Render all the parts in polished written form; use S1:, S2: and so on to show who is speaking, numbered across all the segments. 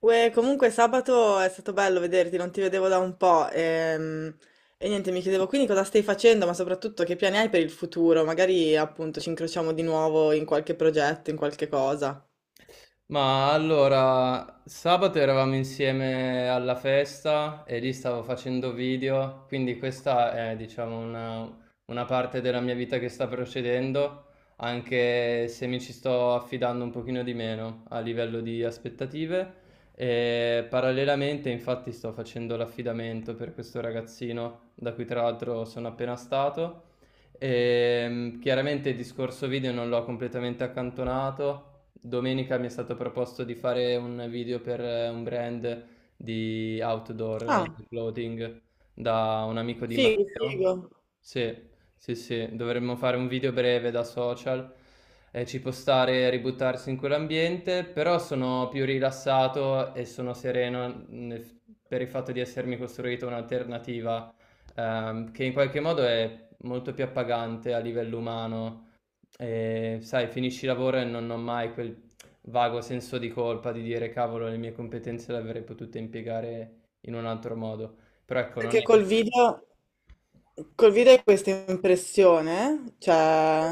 S1: Uè, comunque sabato è stato bello vederti, non ti vedevo da un po'. E, niente, mi chiedevo quindi cosa stai facendo, ma soprattutto che piani hai per il futuro? Magari appunto ci incrociamo di nuovo in qualche progetto, in qualche cosa.
S2: Ma allora, sabato eravamo insieme alla festa e lì stavo facendo video, quindi questa è, diciamo, una parte della mia vita che sta procedendo, anche se mi ci sto affidando un pochino di meno a livello di aspettative. E parallelamente, infatti, sto facendo l'affidamento per questo ragazzino, da cui tra l'altro sono appena stato. E chiaramente il discorso video non l'ho completamente accantonato. Domenica mi è stato proposto di fare un video per un brand di outdoor,
S1: Ah,
S2: clothing, da un amico di
S1: figo, figo.
S2: Matteo. Sì, sì, sì, dovremmo fare un video breve da social. Ci può stare ributtarsi in quell'ambiente, però sono più rilassato e sono sereno per il fatto di essermi costruito un'alternativa che in qualche modo è molto più appagante a livello umano. Sai, finisci il lavoro e non ho mai quel vago senso di colpa di dire: "Cavolo, le mie competenze le avrei potute impiegare in un altro modo". Però ecco, non
S1: Perché
S2: è che
S1: col video hai questa impressione, cioè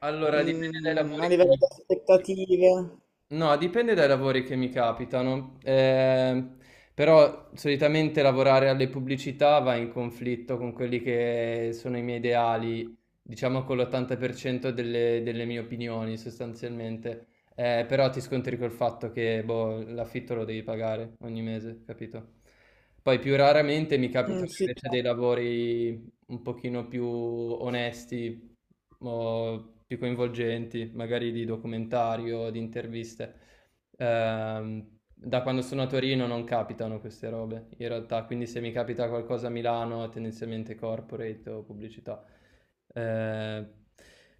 S2: allora dipende dai
S1: mm, a
S2: lavori che
S1: livello
S2: mi...
S1: di aspettative.
S2: No, dipende dai lavori che mi capitano, però solitamente lavorare alle pubblicità va in conflitto con quelli che sono i miei ideali, diciamo con l'80% delle mie opinioni sostanzialmente. Però ti scontri col fatto che boh, l'affitto lo devi pagare ogni mese, capito? Poi più raramente mi
S1: Mm,
S2: capitano
S1: sì,
S2: invece dei
S1: certo.
S2: lavori un pochino più onesti o più coinvolgenti, magari di documentari o di interviste. Da quando sono a Torino non capitano queste robe, in realtà, quindi se mi capita qualcosa a Milano è tendenzialmente corporate o pubblicità. Eh,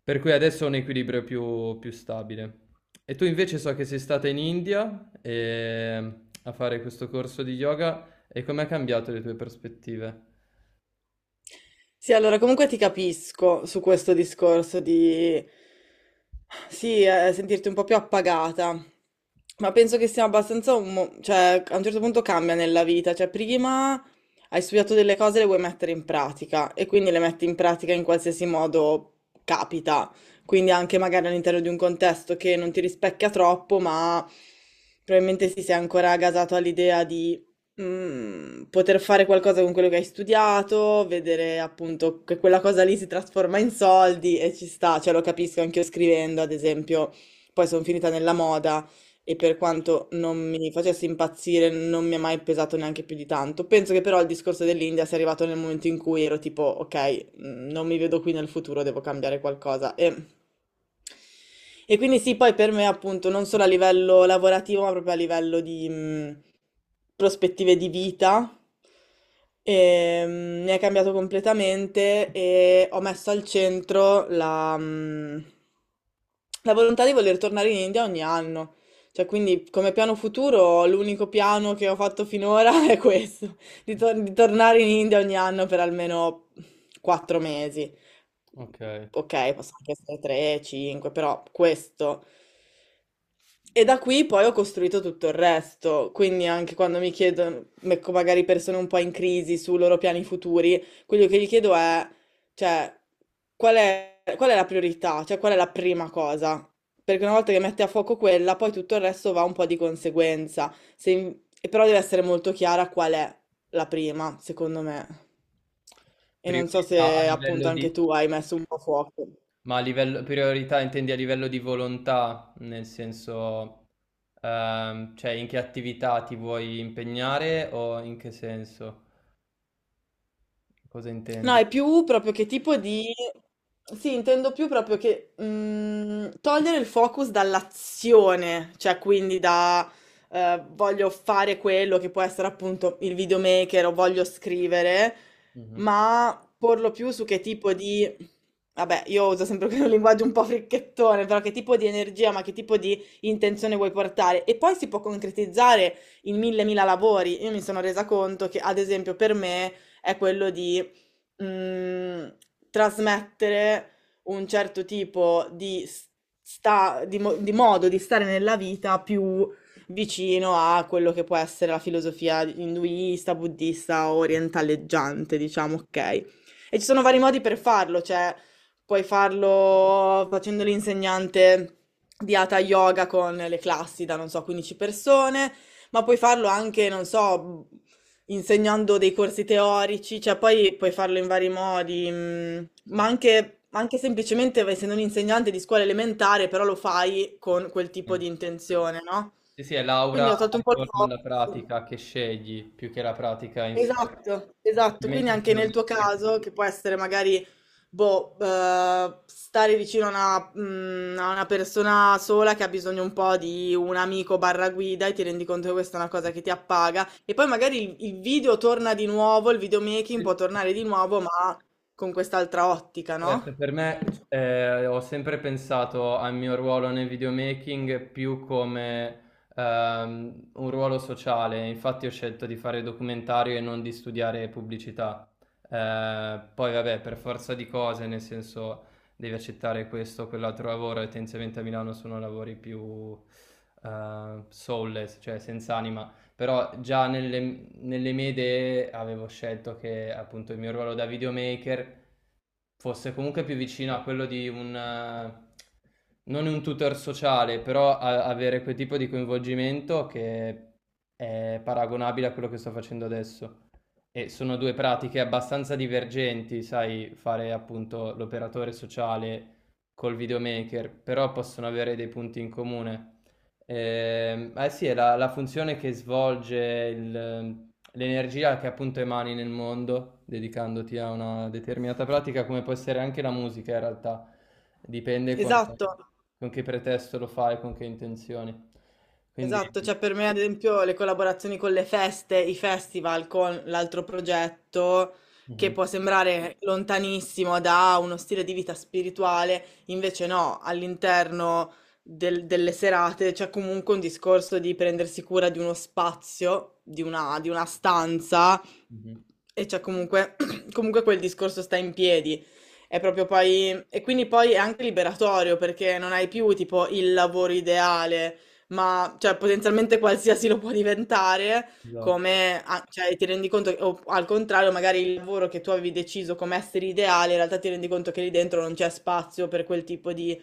S2: per cui adesso ho un equilibrio più stabile. E tu invece so che sei stata in India a fare questo corso di yoga, e come ha cambiato le tue prospettive?
S1: Sì, allora comunque ti capisco su questo discorso di sì, sentirti un po' più appagata, ma penso che sia abbastanza un cioè a un certo punto cambia nella vita, cioè prima hai studiato delle cose e le vuoi mettere in pratica e quindi le metti in pratica in qualsiasi modo capita, quindi anche magari all'interno di un contesto che non ti rispecchia troppo, ma probabilmente sì, sei ancora gasato all'idea di mm, poter fare qualcosa con quello che hai studiato, vedere appunto che quella cosa lì si trasforma in soldi e ci sta, cioè lo capisco anche io scrivendo, ad esempio, poi sono finita nella moda e per quanto non mi facesse impazzire non mi ha mai pesato neanche più di tanto. Penso che però il discorso dell'India sia arrivato nel momento in cui ero tipo, ok, mm, non mi vedo qui nel futuro, devo cambiare qualcosa. E... e quindi sì, poi per me appunto non solo a livello lavorativo, ma proprio a livello di, prospettive di vita, mi ha cambiato completamente e ho messo al centro la, mm, la volontà di voler tornare in India ogni anno. Cioè, quindi come piano futuro, l'unico piano che ho fatto finora è questo, di, di tornare in India ogni anno per almeno 4 mesi.
S2: Ok.
S1: Ok, possono anche essere tre, cinque, però questo. E da qui poi ho costruito tutto il resto, quindi anche quando mi chiedono, ecco, magari persone un po' in crisi sui loro piani futuri, quello che gli chiedo è, cioè, qual è la priorità, cioè qual è la prima cosa? Perché una volta che metti a fuoco quella, poi tutto il resto va un po' di conseguenza. Se in- e però deve essere molto chiara qual è la prima, secondo me. E non so
S2: Priorità a
S1: se appunto
S2: livello
S1: anche
S2: di...
S1: tu hai messo un po' a fuoco.
S2: Ma a livello... priorità intendi a livello di volontà, nel senso, cioè in che attività ti vuoi impegnare o in che senso? Cosa
S1: No,
S2: intendi?
S1: è più proprio che tipo di... Sì, intendo più proprio che mm, togliere il focus dall'azione, cioè quindi da voglio fare quello che può essere appunto il videomaker o voglio scrivere,
S2: Mhm.
S1: ma porlo più su che tipo di... Vabbè, io uso sempre quel linguaggio un po' fricchettone, però che tipo di energia, ma che tipo di intenzione vuoi portare? E poi si può concretizzare in mille mila lavori. Io mi sono resa conto che, ad esempio, per me è quello di mh, trasmettere un certo tipo di, di modo di stare nella vita più vicino a quello che può essere la filosofia induista, buddista, orientaleggiante, diciamo, ok? E ci sono vari modi per farlo, cioè puoi farlo facendo l'insegnante di Hatha Yoga con le classi da, non so, 15 persone, ma puoi farlo anche, non so, insegnando dei corsi teorici, cioè poi puoi farlo in vari modi, mm,
S2: Sì,
S1: ma anche semplicemente essendo un insegnante di scuola elementare, però lo fai con quel tipo di
S2: assolutamente.
S1: intenzione, no?
S2: Sì, sì, è l'aura
S1: Quindi ho tolto un po' il
S2: attorno alla
S1: focus.
S2: pratica che scegli più che la pratica in sé.
S1: Esatto, esatto. Quindi
S2: Effettivamente
S1: anche
S2: sono
S1: nel
S2: degli
S1: tuo caso, che può essere magari, boh, stare vicino a una, mm, a una persona sola che ha bisogno un po' di un amico barra guida e ti rendi conto che questa è una cosa che ti appaga. E poi magari il video torna di nuovo, il videomaking può
S2: strumenti.
S1: tornare di nuovo, ma con quest'altra ottica,
S2: Certo,
S1: no?
S2: per me, ho sempre pensato al mio ruolo nel videomaking più come un ruolo sociale, infatti ho scelto di fare documentario e non di studiare pubblicità. Poi vabbè, per forza di cose, nel senso devi accettare questo o quell'altro lavoro e tendenzialmente a Milano sono lavori più soulless, cioè senza anima. Però già nelle, nelle mie idee avevo scelto che appunto il mio ruolo da videomaker fosse comunque più vicino a quello di un, non un tutor sociale, però avere quel tipo di coinvolgimento che è paragonabile a quello che sto facendo adesso. E sono due pratiche abbastanza divergenti, sai, fare appunto l'operatore sociale col videomaker, però possono avere dei punti in comune. Sì, è la funzione che svolge l'energia che appunto emani nel mondo, dedicandoti a una determinata pratica, come può essere anche la musica in realtà. Dipende
S1: Esatto.
S2: con che pretesto lo fai, con che intenzioni. Quindi,
S1: Esatto, cioè per me ad esempio le collaborazioni con le feste, i festival con l'altro progetto che
S2: mhm,
S1: può sembrare lontanissimo da uno stile di vita spirituale, invece no, all'interno delle serate c'è comunque un discorso di prendersi cura di uno spazio, di una stanza
S2: mhm,
S1: e c'è comunque, comunque quel discorso sta in piedi. È proprio poi, e quindi poi è anche liberatorio perché non hai più tipo il lavoro ideale ma cioè, potenzialmente qualsiasi lo può diventare,
S2: esatto,
S1: come cioè, ti rendi conto, o al contrario, magari il lavoro che tu avevi deciso come essere ideale, in realtà ti rendi conto che lì dentro non c'è spazio per quel tipo di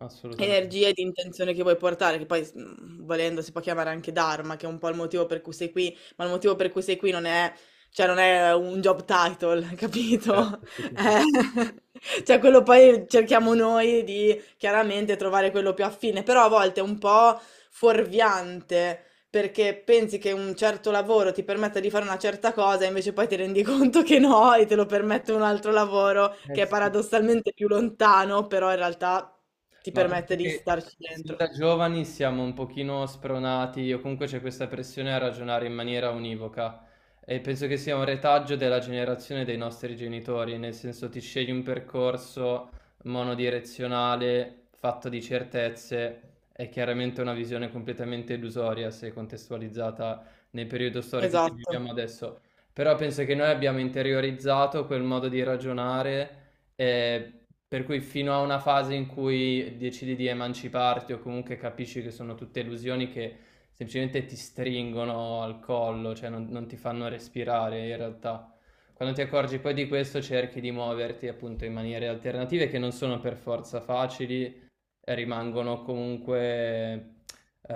S2: assolutamente.
S1: energia e di intenzione che vuoi portare, che poi mm, volendo si può chiamare anche Dharma, che è un po' il motivo per cui sei qui, ma il motivo per cui sei qui non è, cioè, non è un job title, capito?
S2: Certo, sì, sì, sì,
S1: Eh,
S2: sì.
S1: cioè, quello poi cerchiamo noi di chiaramente trovare quello più affine, però a volte un po' fuorviante perché pensi che un certo lavoro ti permetta di fare una certa cosa, invece poi ti rendi conto che no e te lo permette un altro lavoro
S2: Eh
S1: che è
S2: sì.
S1: paradossalmente più lontano, però in realtà ti
S2: Ma penso
S1: permette di
S2: che
S1: starci
S2: sin
S1: dentro.
S2: da giovani siamo un pochino spronati, o comunque c'è questa pressione a ragionare in maniera univoca. E penso che sia un retaggio della generazione dei nostri genitori, nel senso ti scegli un percorso monodirezionale, fatto di certezze, è chiaramente una visione completamente illusoria se contestualizzata nel periodo storico in cui
S1: Esatto.
S2: viviamo adesso. Però penso che noi abbiamo interiorizzato quel modo di ragionare. eh, per cui fino a una fase in cui decidi di emanciparti o comunque capisci che sono tutte illusioni che semplicemente ti stringono al collo, cioè non ti fanno respirare in realtà. Quando ti accorgi poi di questo cerchi di muoverti appunto in maniere alternative che non sono per forza facili, rimangono comunque,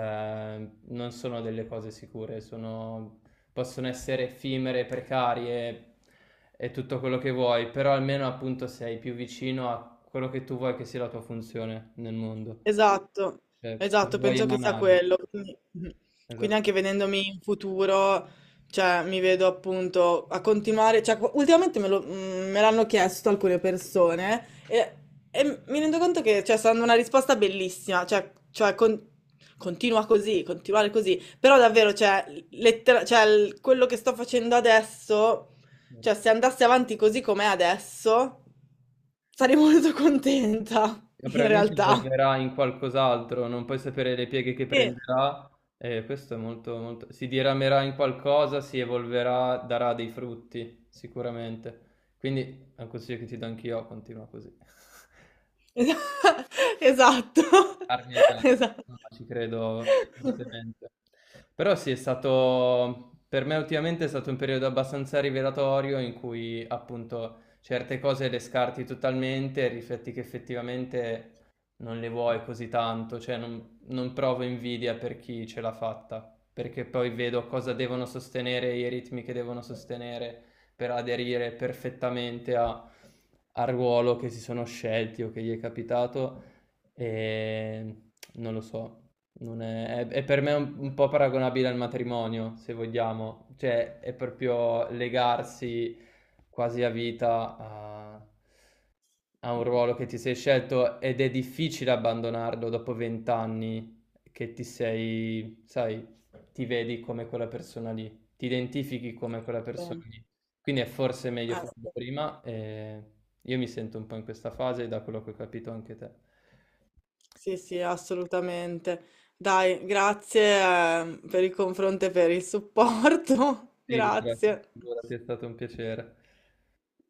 S2: non sono delle cose sicure, possono essere effimere, precarie e tutto quello che vuoi, però almeno appunto sei più vicino a quello che tu vuoi che sia la tua funzione nel mondo,
S1: Esatto,
S2: cioè cosa
S1: esatto,
S2: vuoi
S1: penso che sia
S2: emanare.
S1: quello. Quindi, mhm. Quindi anche
S2: Esattamente.
S1: vedendomi in futuro, cioè, mi vedo appunto a continuare. Cioè, ultimamente mm, me l'hanno chiesto alcune persone e mi rendo conto che cioè, sta dando una risposta bellissima. Cioè, cioè, continua così, continuare così. Però davvero, cioè, quello che sto facendo adesso, cioè,
S2: Certo.
S1: se andassi avanti così com'è adesso, sarei molto contenta,
S2: Ma
S1: in
S2: probabilmente
S1: realtà.
S2: evolverà in qualcos'altro, non puoi sapere le pieghe che
S1: Sì.
S2: prenderà, e questo è molto, molto... Si diramerà in qualcosa, si evolverà, darà dei frutti, sicuramente. Quindi è un consiglio che ti do anch'io, continua così.
S1: Esa esatto,
S2: Armi agli altri,
S1: esatto.
S2: no, ma ci credo fortemente. Però sì, è stato, per me ultimamente è stato un periodo abbastanza rivelatorio in cui appunto certe cose le scarti totalmente e rifletti che effettivamente non le vuoi così tanto, cioè non provo invidia per chi ce l'ha fatta, perché poi vedo cosa devono sostenere, i ritmi che devono sostenere per aderire perfettamente al ruolo che si sono scelti o che gli è capitato. Non lo so, non è, è per me un po' paragonabile al matrimonio, se vogliamo, cioè è proprio legarsi quasi a vita a, a un ruolo che ti sei scelto ed è difficile abbandonarlo dopo 20 anni che ti sei, sai, ti vedi come quella persona lì, ti identifichi come quella
S1: Sì,
S2: persona lì. Quindi è forse meglio farlo
S1: assu
S2: prima, e io mi sento un po' in questa fase, da quello che ho capito anche te.
S1: sì, sì, assolutamente. Dai, grazie per il confronto e per il supporto.
S2: Figurati,
S1: Grazie.
S2: figurati, è stato un piacere.